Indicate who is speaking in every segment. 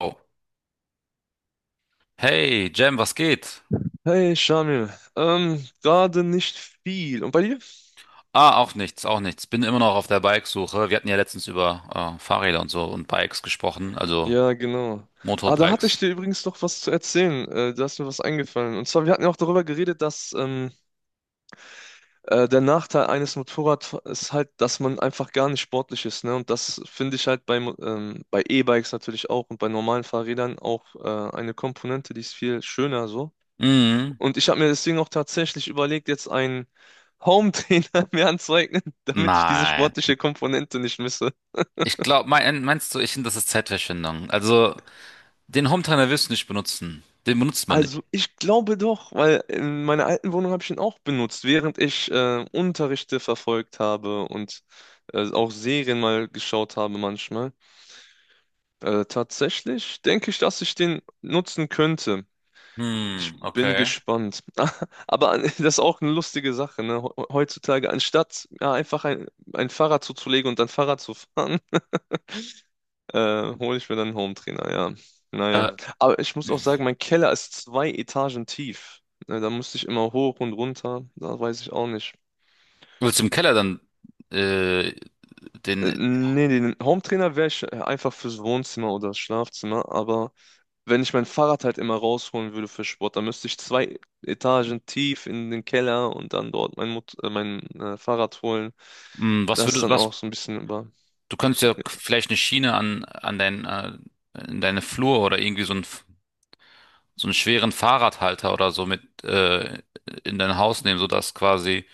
Speaker 1: Oh. Hey, Jam, was geht?
Speaker 2: Hey, Shamil. Gerade nicht viel. Und bei dir?
Speaker 1: Ah, auch nichts, auch nichts. Bin immer noch auf der Bikesuche. Wir hatten ja letztens über Fahrräder und so und Bikes gesprochen, also
Speaker 2: Ja, genau. Ah, da hatte ich
Speaker 1: Motorbikes.
Speaker 2: dir übrigens noch was zu erzählen. Da ist mir was eingefallen. Und zwar, wir hatten ja auch darüber geredet, dass der Nachteil eines Motorrads ist halt, dass man einfach gar nicht sportlich ist, ne? Und das finde ich halt beim, bei E-Bikes natürlich auch und bei normalen Fahrrädern auch eine Komponente, die ist viel schöner so.
Speaker 1: Mhm.
Speaker 2: Und ich habe mir deswegen auch tatsächlich überlegt, jetzt einen Home-Trainer mir anzueignen, damit ich diese
Speaker 1: Nein.
Speaker 2: sportliche Komponente nicht misse.
Speaker 1: Ich glaube, meinst du, ich finde, das ist Zeitverschwendung. Also, den Hometrainer wirst du nicht benutzen. Den benutzt man nicht.
Speaker 2: Also ich glaube doch, weil in meiner alten Wohnung habe ich ihn auch benutzt, während ich Unterrichte verfolgt habe und auch Serien mal geschaut habe manchmal. Tatsächlich denke ich, dass ich den nutzen könnte. Ich
Speaker 1: Hm,
Speaker 2: bin
Speaker 1: okay.
Speaker 2: gespannt. Aber das ist auch eine lustige Sache, ne? Heutzutage, anstatt ja, einfach ein Fahrrad zuzulegen und dann Fahrrad zu fahren, hole ich mir dann einen trainer, ja. Naja.
Speaker 1: Äh,
Speaker 2: Aber ich muss auch sagen, mein Keller ist zwei Etagen tief. Ne, da musste ich immer hoch und runter. Da weiß ich auch nicht.
Speaker 1: Willst du im Keller dann äh, den,
Speaker 2: Nee, den trainer wäre ich einfach fürs Wohnzimmer oder das Schlafzimmer. Aber wenn ich mein Fahrrad halt immer rausholen würde für Sport, dann müsste ich zwei Etagen tief in den Keller und dann dort mein Fahrrad holen.
Speaker 1: mh, was
Speaker 2: Das ist
Speaker 1: würdest,
Speaker 2: dann auch
Speaker 1: was,
Speaker 2: so ein bisschen über.
Speaker 1: du könntest ja vielleicht eine Schiene an dein, in deine Flur oder irgendwie so ein so einen schweren Fahrradhalter oder so mit in dein Haus nehmen, sodass quasi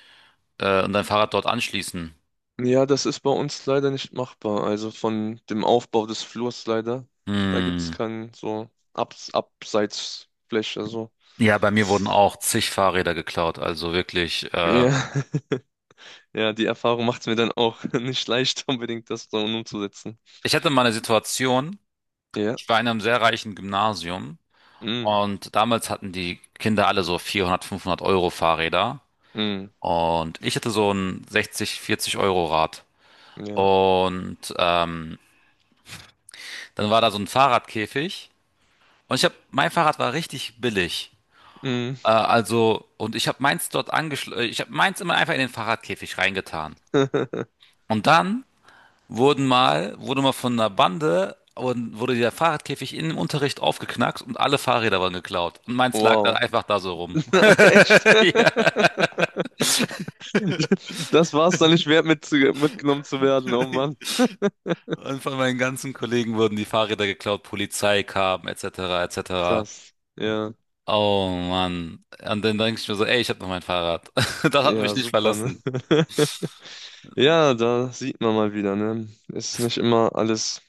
Speaker 1: und dein Fahrrad dort anschließen.
Speaker 2: Ja, das ist bei uns leider nicht machbar. Also von dem Aufbau des Flurs leider. Da gibt es
Speaker 1: Hm.
Speaker 2: keinen so Abseitsfläche. So.
Speaker 1: Ja, bei mir wurden auch zig Fahrräder geklaut. Also wirklich.
Speaker 2: Ja, ja, die Erfahrung macht es mir dann auch nicht leicht, unbedingt das so umzusetzen.
Speaker 1: Ich hatte mal eine Situation.
Speaker 2: Ja,
Speaker 1: Ich war in einem sehr reichen Gymnasium,
Speaker 2: mm,
Speaker 1: und damals hatten die Kinder alle so 400, 500 € Fahrräder,
Speaker 2: mm,
Speaker 1: und ich hatte so ein 60, 40 € Rad.
Speaker 2: ja,
Speaker 1: Und dann war da so ein Fahrradkäfig, und ich habe mein Fahrrad war richtig billig.
Speaker 2: mm.
Speaker 1: Also, und ich habe meins dort angeschlossen, ich habe meins immer einfach in den Fahrradkäfig reingetan. Und dann wurde mal von einer Bande und wurde der Fahrradkäfig in dem Unterricht aufgeknackt, und alle Fahrräder waren geklaut. Und meins lag dann
Speaker 2: Wow.
Speaker 1: einfach da so rum.
Speaker 2: Echt?
Speaker 1: Ja.
Speaker 2: Das war's dann nicht wert, mitgenommen zu werden. Oh Mann.
Speaker 1: Und von meinen ganzen Kollegen wurden die Fahrräder geklaut, Polizei kam, etc., etc.
Speaker 2: Krass. Ja,
Speaker 1: Oh Mann. Und dann denke ich mir so, ey, ich habe noch mein Fahrrad. Das hat
Speaker 2: ja,
Speaker 1: mich nicht
Speaker 2: super, ne?
Speaker 1: verlassen.
Speaker 2: Ja, da sieht man mal wieder, ne? Ist
Speaker 1: Das
Speaker 2: nicht immer alles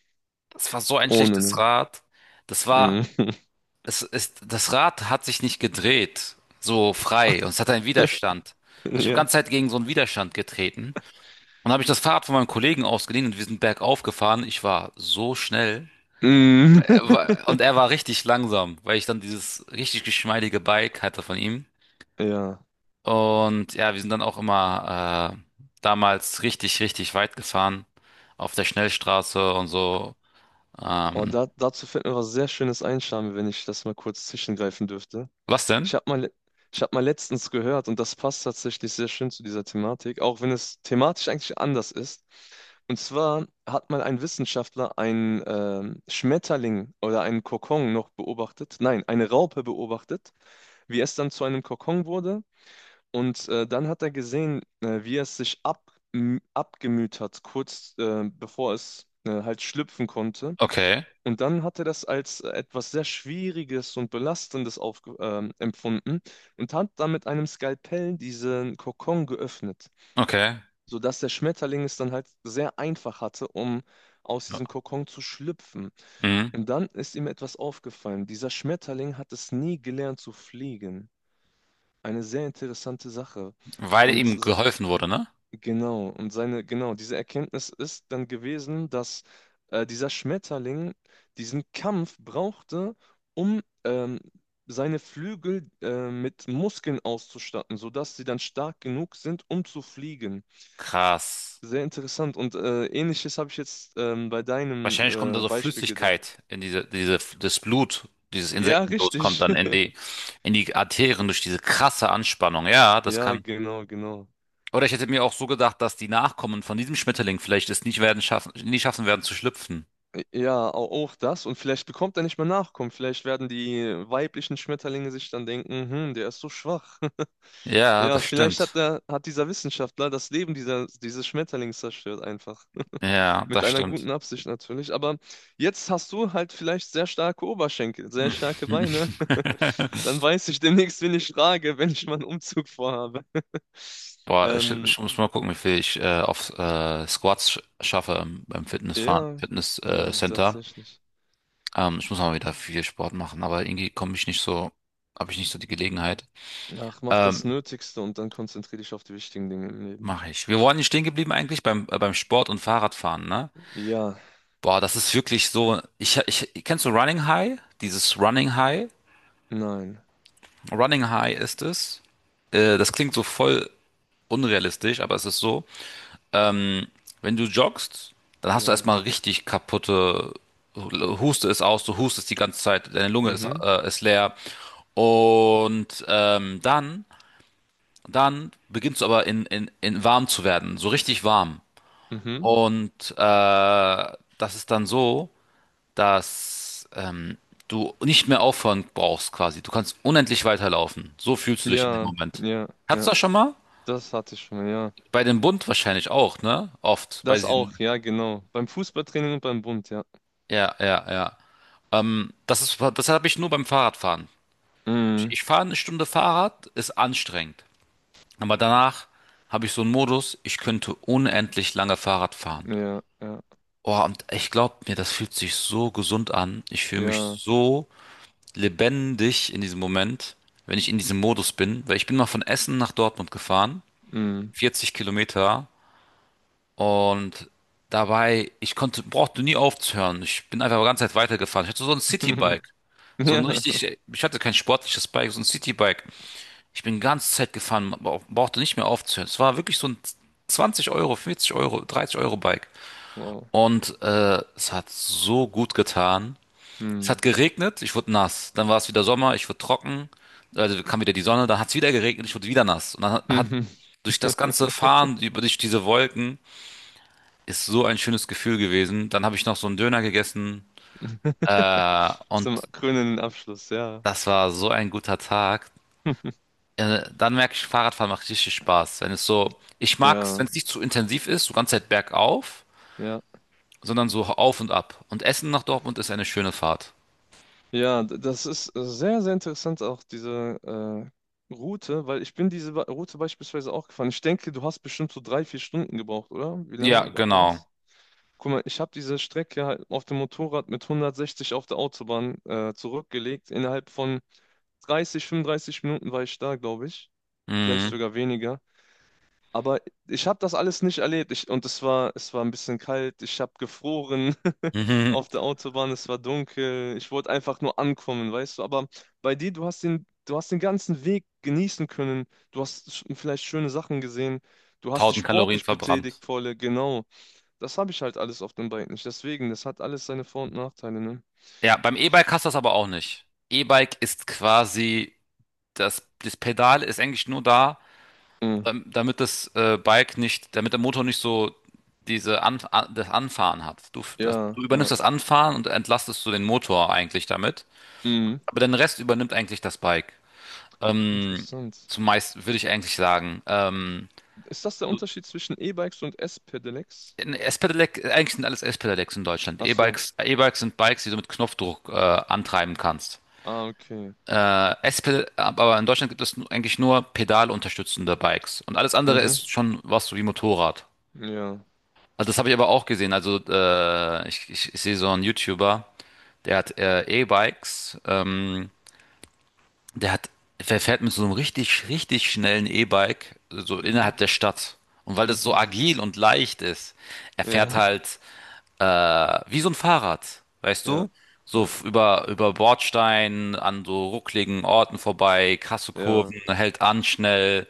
Speaker 1: Das war so ein
Speaker 2: ohne,
Speaker 1: schlechtes
Speaker 2: ne?
Speaker 1: Rad. Das war,
Speaker 2: Mhm.
Speaker 1: es ist, das Rad hat sich nicht gedreht, so frei, und es hat einen Widerstand. Und ich habe die
Speaker 2: Ja.
Speaker 1: ganze Zeit gegen so einen Widerstand getreten. Und habe ich das Fahrrad von meinem Kollegen ausgeliehen, und wir sind bergauf gefahren. Ich war so schnell.
Speaker 2: Mhm.
Speaker 1: Und er war richtig langsam, weil ich dann dieses richtig geschmeidige Bike hatte von ihm.
Speaker 2: Ja.
Speaker 1: Und ja, wir sind dann auch immer damals richtig, richtig weit gefahren. Auf der Schnellstraße und so.
Speaker 2: Oh,
Speaker 1: Ähm,
Speaker 2: dazu fällt mir was sehr Schönes ein, Charme, wenn ich das mal kurz zwischengreifen dürfte.
Speaker 1: was denn?
Speaker 2: Ich habe mal, le- Ich hab mal letztens gehört, und das passt tatsächlich sehr schön zu dieser Thematik, auch wenn es thematisch eigentlich anders ist. Und zwar hat mal ein Wissenschaftler einen Schmetterling oder einen Kokon noch beobachtet, nein, eine Raupe beobachtet, wie es dann zu einem Kokon wurde. Und dann hat er gesehen, wie es sich abgemüht hat, kurz bevor es halt schlüpfen konnte.
Speaker 1: Okay,
Speaker 2: Und dann hat er das als etwas sehr Schwieriges und Belastendes aufge empfunden und hat dann mit einem Skalpell diesen Kokon geöffnet,
Speaker 1: okay.
Speaker 2: sodass der Schmetterling es dann halt sehr einfach hatte, um aus diesem
Speaker 1: Ja.
Speaker 2: Kokon zu schlüpfen.
Speaker 1: Mhm.
Speaker 2: Und dann ist ihm etwas aufgefallen. Dieser Schmetterling hat es nie gelernt zu fliegen. Eine sehr interessante Sache.
Speaker 1: Weil
Speaker 2: Und
Speaker 1: ihm
Speaker 2: s-
Speaker 1: geholfen wurde, ne?
Speaker 2: Genau, und genau, diese Erkenntnis ist dann gewesen, dass dieser Schmetterling diesen Kampf brauchte, um seine Flügel mit Muskeln auszustatten, sodass sie dann stark genug sind, um zu fliegen.
Speaker 1: Krass.
Speaker 2: Sehr interessant. Und Ähnliches habe ich jetzt bei deinem
Speaker 1: Wahrscheinlich kommt da so
Speaker 2: Beispiel gedacht.
Speaker 1: Flüssigkeit in das Blut, dieses
Speaker 2: Ja,
Speaker 1: Insektenblut kommt
Speaker 2: richtig.
Speaker 1: dann in die Arterien durch diese krasse Anspannung. Ja, das
Speaker 2: Ja,
Speaker 1: kann.
Speaker 2: genau, genau.
Speaker 1: Oder ich hätte mir auch so gedacht, dass die Nachkommen von diesem Schmetterling vielleicht es nicht werden schaffen, nie schaffen werden zu schlüpfen.
Speaker 2: Ja, auch das. Und vielleicht bekommt er nicht mehr Nachkommen. Vielleicht werden die weiblichen Schmetterlinge sich dann denken, hm, der ist so schwach.
Speaker 1: Ja,
Speaker 2: Ja,
Speaker 1: das
Speaker 2: vielleicht hat
Speaker 1: stimmt.
Speaker 2: der, hat dieser Wissenschaftler das Leben dieses Schmetterlings zerstört einfach.
Speaker 1: Ja,
Speaker 2: Mit
Speaker 1: das
Speaker 2: einer
Speaker 1: stimmt.
Speaker 2: guten Absicht natürlich. Aber jetzt hast du halt vielleicht sehr starke Oberschenkel, sehr starke Beine. Dann weiß ich demnächst, wen ich frage, wenn ich mal einen Umzug vorhabe.
Speaker 1: Boah, ja,
Speaker 2: Ähm,
Speaker 1: ich muss mal gucken, wie viel ich auf Squats schaffe beim Fitnessfahren,
Speaker 2: ja,
Speaker 1: Fitness,
Speaker 2: ja,
Speaker 1: Center.
Speaker 2: tatsächlich.
Speaker 1: Ich muss mal wieder viel Sport machen, aber irgendwie komme ich nicht so, habe ich nicht so die Gelegenheit.
Speaker 2: Ach, mach das
Speaker 1: Ähm,
Speaker 2: Nötigste und dann konzentriere dich auf die wichtigen Dinge im Leben.
Speaker 1: mache ich. Wir waren nicht stehen geblieben eigentlich beim, beim Sport und Fahrradfahren, ne?
Speaker 2: Ja.
Speaker 1: Boah, das ist wirklich so. Kennst du Running High? Dieses Running High?
Speaker 2: Nein.
Speaker 1: Running High ist es. Das klingt so voll unrealistisch, aber es ist so. Ähm, wenn du joggst, dann hast du
Speaker 2: Ja.
Speaker 1: erstmal richtig kaputte. Huste ist aus, du hustest die ganze Zeit, deine Lunge ist,
Speaker 2: Mhm.
Speaker 1: äh, ist leer. Und dann und dann beginnst du aber in warm zu werden, so richtig warm.
Speaker 2: Mhm.
Speaker 1: Und das ist dann so, dass du nicht mehr aufhören brauchst quasi. Du kannst unendlich weiterlaufen. So fühlst du dich in dem
Speaker 2: Ja.
Speaker 1: Moment.
Speaker 2: Ja.
Speaker 1: Hattest
Speaker 2: Ja.
Speaker 1: du das schon mal?
Speaker 2: Das hatte ich schon mal, ja.
Speaker 1: Bei dem Bund wahrscheinlich auch, ne? Oft. Bei
Speaker 2: Das auch,
Speaker 1: diesen,
Speaker 2: ja, genau. Beim Fußballtraining und beim Bund, ja.
Speaker 1: ja, ja, ja. Das ist, das habe ich nur beim Fahrradfahren. Ich,
Speaker 2: Mhm.
Speaker 1: ich fahre eine Stunde Fahrrad, ist anstrengend. Aber danach habe ich so einen Modus, ich könnte unendlich lange Fahrrad fahren.
Speaker 2: Ja. Ja.
Speaker 1: Oh, und ich glaube mir, das fühlt sich so gesund an. Ich fühle mich
Speaker 2: Ja.
Speaker 1: so lebendig in diesem Moment, wenn ich in diesem Modus bin. Weil ich bin mal von Essen nach Dortmund gefahren,
Speaker 2: Mhm.
Speaker 1: 40 Kilometer. Und dabei, brauchte nie aufzuhören. Ich bin einfach die ganze Zeit weitergefahren. Ich hatte so ein Citybike. So ein
Speaker 2: Ja.
Speaker 1: richtig, ich hatte kein sportliches Bike, so ein Citybike. Ich bin die ganze Zeit gefahren, brauchte nicht mehr aufzuhören. Es war wirklich so ein 20 Euro, 40 Euro, 30 € Bike.
Speaker 2: Wow.
Speaker 1: Und es hat so gut getan. Es hat geregnet, ich wurde nass. Dann war es wieder Sommer, ich wurde trocken. Also kam wieder die Sonne, dann hat es wieder geregnet, ich wurde wieder nass. Und dann hat
Speaker 2: Mhm.
Speaker 1: durch das ganze Fahren, über durch diese Wolken, ist so ein schönes Gefühl gewesen. Dann habe ich noch so einen Döner gegessen.
Speaker 2: Zum
Speaker 1: Und
Speaker 2: krönenden Abschluss, ja.
Speaker 1: das war so ein guter Tag. Dann merke ich, Fahrradfahren macht richtig Spaß. Wenn es so, ich mag es,
Speaker 2: Ja.
Speaker 1: wenn es nicht zu intensiv ist, so ganze Zeit bergauf,
Speaker 2: Ja.
Speaker 1: sondern so auf und ab. Und Essen nach Dortmund ist eine schöne Fahrt.
Speaker 2: Ja, das ist sehr, sehr interessant, auch diese Route, weil ich bin diese Route beispielsweise auch gefahren. Ich denke, du hast bestimmt so 3, 4 Stunden gebraucht, oder? Wie
Speaker 1: Ja,
Speaker 2: lange war
Speaker 1: genau.
Speaker 2: das? Guck mal, ich habe diese Strecke halt auf dem Motorrad mit 160 auf der Autobahn zurückgelegt. Innerhalb von 30, 35 Minuten war ich da, glaube ich. Vielleicht
Speaker 1: Mhm.
Speaker 2: sogar weniger. Aber ich habe das alles nicht erlebt. Und es war, ein bisschen kalt. Ich habe gefroren auf der Autobahn. Es war dunkel. Ich wollte einfach nur ankommen, weißt du. Aber bei dir, du hast den ganzen Weg genießen können. Du hast vielleicht schöne Sachen gesehen. Du hast dich
Speaker 1: 1000 Kalorien
Speaker 2: sportlich betätigt,
Speaker 1: verbrannt.
Speaker 2: volle, genau. Das habe ich halt alles auf dem Bike nicht. Deswegen, das hat alles seine Vor- und Nachteile, ne?
Speaker 1: Ja, beim E-Bike hast du das aber auch nicht. E-Bike ist quasi, das Pedal ist eigentlich nur da,
Speaker 2: Mhm.
Speaker 1: damit das Bike nicht, damit der Motor nicht so das Anfahren hat.
Speaker 2: Ja,
Speaker 1: Du
Speaker 2: ja.
Speaker 1: übernimmst das Anfahren und entlastest so den Motor eigentlich damit.
Speaker 2: Mhm.
Speaker 1: Aber den Rest übernimmt eigentlich das Bike. Ähm,
Speaker 2: Interessant.
Speaker 1: zumeist würde ich eigentlich sagen.
Speaker 2: Ist das der Unterschied zwischen E-Bikes und S-Pedelecs?
Speaker 1: Ein S-Pedelec, eigentlich sind alles S-Pedelecs in Deutschland.
Speaker 2: Ach so.
Speaker 1: E-Bikes sind Bikes, die du mit Knopfdruck antreiben kannst.
Speaker 2: Ah, okay.
Speaker 1: Aber in Deutschland gibt es eigentlich nur pedalunterstützende Bikes. Und alles andere
Speaker 2: Mhm.
Speaker 1: ist schon was so wie Motorrad.
Speaker 2: Ja.
Speaker 1: Also das habe ich aber auch gesehen. Also ich sehe so einen YouTuber, der hat der hat, der fährt mit so einem richtig, richtig schnellen E-Bike so
Speaker 2: Mhm.
Speaker 1: innerhalb der Stadt. Und weil das so
Speaker 2: Mhm.
Speaker 1: agil und leicht ist, er fährt
Speaker 2: Ja.
Speaker 1: halt äh, wie so ein Fahrrad, weißt
Speaker 2: Ja.
Speaker 1: du? So
Speaker 2: Ja.
Speaker 1: über Bordsteinen, an so ruckligen Orten vorbei, krasse
Speaker 2: Ja.
Speaker 1: Kurven, hält an schnell,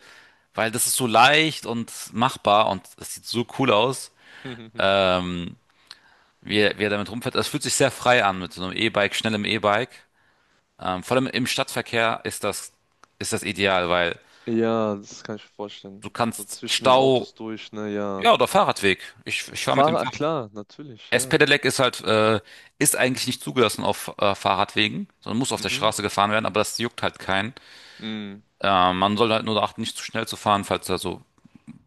Speaker 1: weil das ist so leicht und machbar und das sieht so cool aus, ähm, wie er damit rumfährt. Es fühlt sich sehr frei an mit so einem E-Bike, schnellem E-Bike. Vor allem im Stadtverkehr ist das ideal, weil
Speaker 2: Ja, das kann ich mir
Speaker 1: du
Speaker 2: vorstellen. So
Speaker 1: kannst
Speaker 2: zwischen den
Speaker 1: Stau,
Speaker 2: Autos durch, na ja.
Speaker 1: ja, oder Fahrradweg. Ich fahre mit dem
Speaker 2: Fahrer, ah, klar, natürlich, ja.
Speaker 1: S-Pedelec ist halt, ist eigentlich nicht zugelassen auf Fahrradwegen, sondern muss auf der
Speaker 2: Mhm.
Speaker 1: Straße gefahren werden, aber das juckt halt keinen.
Speaker 2: Mhm.
Speaker 1: Man soll halt nur darauf achten, nicht zu schnell zu fahren, falls da so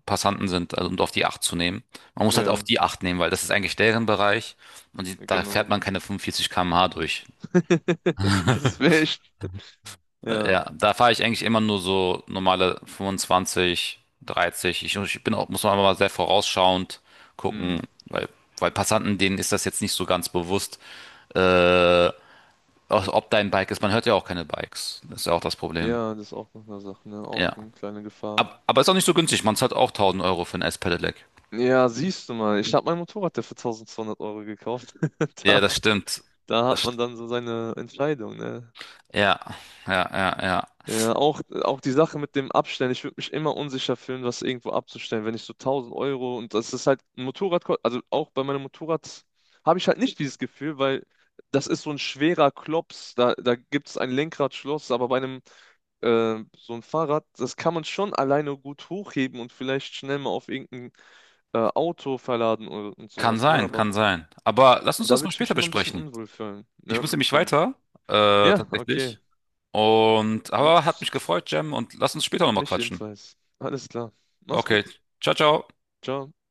Speaker 1: Passanten sind, also und auf die Acht zu nehmen. Man muss halt auf
Speaker 2: Ja,
Speaker 1: die Acht nehmen, weil das ist eigentlich deren Bereich, und die, da fährt
Speaker 2: genau.
Speaker 1: man keine 45 km/h durch.
Speaker 2: Das wäre echt. Ja.
Speaker 1: Ja, da fahre ich eigentlich immer nur so normale 25, 30. Ich bin auch, muss man aber sehr vorausschauend gucken,
Speaker 2: Mm.
Speaker 1: weil, weil Passanten, denen ist das jetzt nicht so ganz bewusst. Äh, Also ob dein Bike ist, man hört ja auch keine Bikes. Das ist ja auch das Problem.
Speaker 2: Ja, das ist auch noch eine Sache, ne? Auch
Speaker 1: Ja.
Speaker 2: eine kleine Gefahr.
Speaker 1: Aber ist auch nicht so günstig. Man zahlt auch 1.000 € für ein S-Pedelec.
Speaker 2: Ja, siehst du mal, ich habe mein Motorrad ja für Euro gekauft.
Speaker 1: Ja,
Speaker 2: Da,
Speaker 1: das stimmt.
Speaker 2: da hat
Speaker 1: Das, st-
Speaker 2: man dann so seine Entscheidung, ne?
Speaker 1: ja, ja.
Speaker 2: Ja, auch die Sache mit dem Abstellen. Ich würde mich immer unsicher fühlen, was irgendwo abzustellen, wenn ich so 1000 Euro und das ist halt ein Motorrad, also auch bei meinem Motorrad habe ich halt nicht dieses Gefühl, weil das ist so ein schwerer Klops. Da gibt es ein Lenkradschloss, aber bei einem so ein Fahrrad, das kann man schon alleine gut hochheben und vielleicht schnell mal auf irgendeinen Auto verladen und
Speaker 1: Kann
Speaker 2: sowas, ne?
Speaker 1: sein,
Speaker 2: Aber
Speaker 1: kann sein. Aber lass uns
Speaker 2: da
Speaker 1: das mal
Speaker 2: würde ich
Speaker 1: später
Speaker 2: mich immer ein bisschen
Speaker 1: besprechen.
Speaker 2: unwohl fühlen,
Speaker 1: Ich
Speaker 2: ne?
Speaker 1: muss nämlich
Speaker 2: Fühlen.
Speaker 1: weiter,
Speaker 2: Ja, okay.
Speaker 1: tatsächlich. Und, aber hat mich
Speaker 2: Gut.
Speaker 1: gefreut, Jem, und lass uns später nochmal
Speaker 2: Mich
Speaker 1: quatschen.
Speaker 2: ebenfalls. Alles klar. Mach's
Speaker 1: Okay,
Speaker 2: gut.
Speaker 1: ciao, ciao.
Speaker 2: Ciao.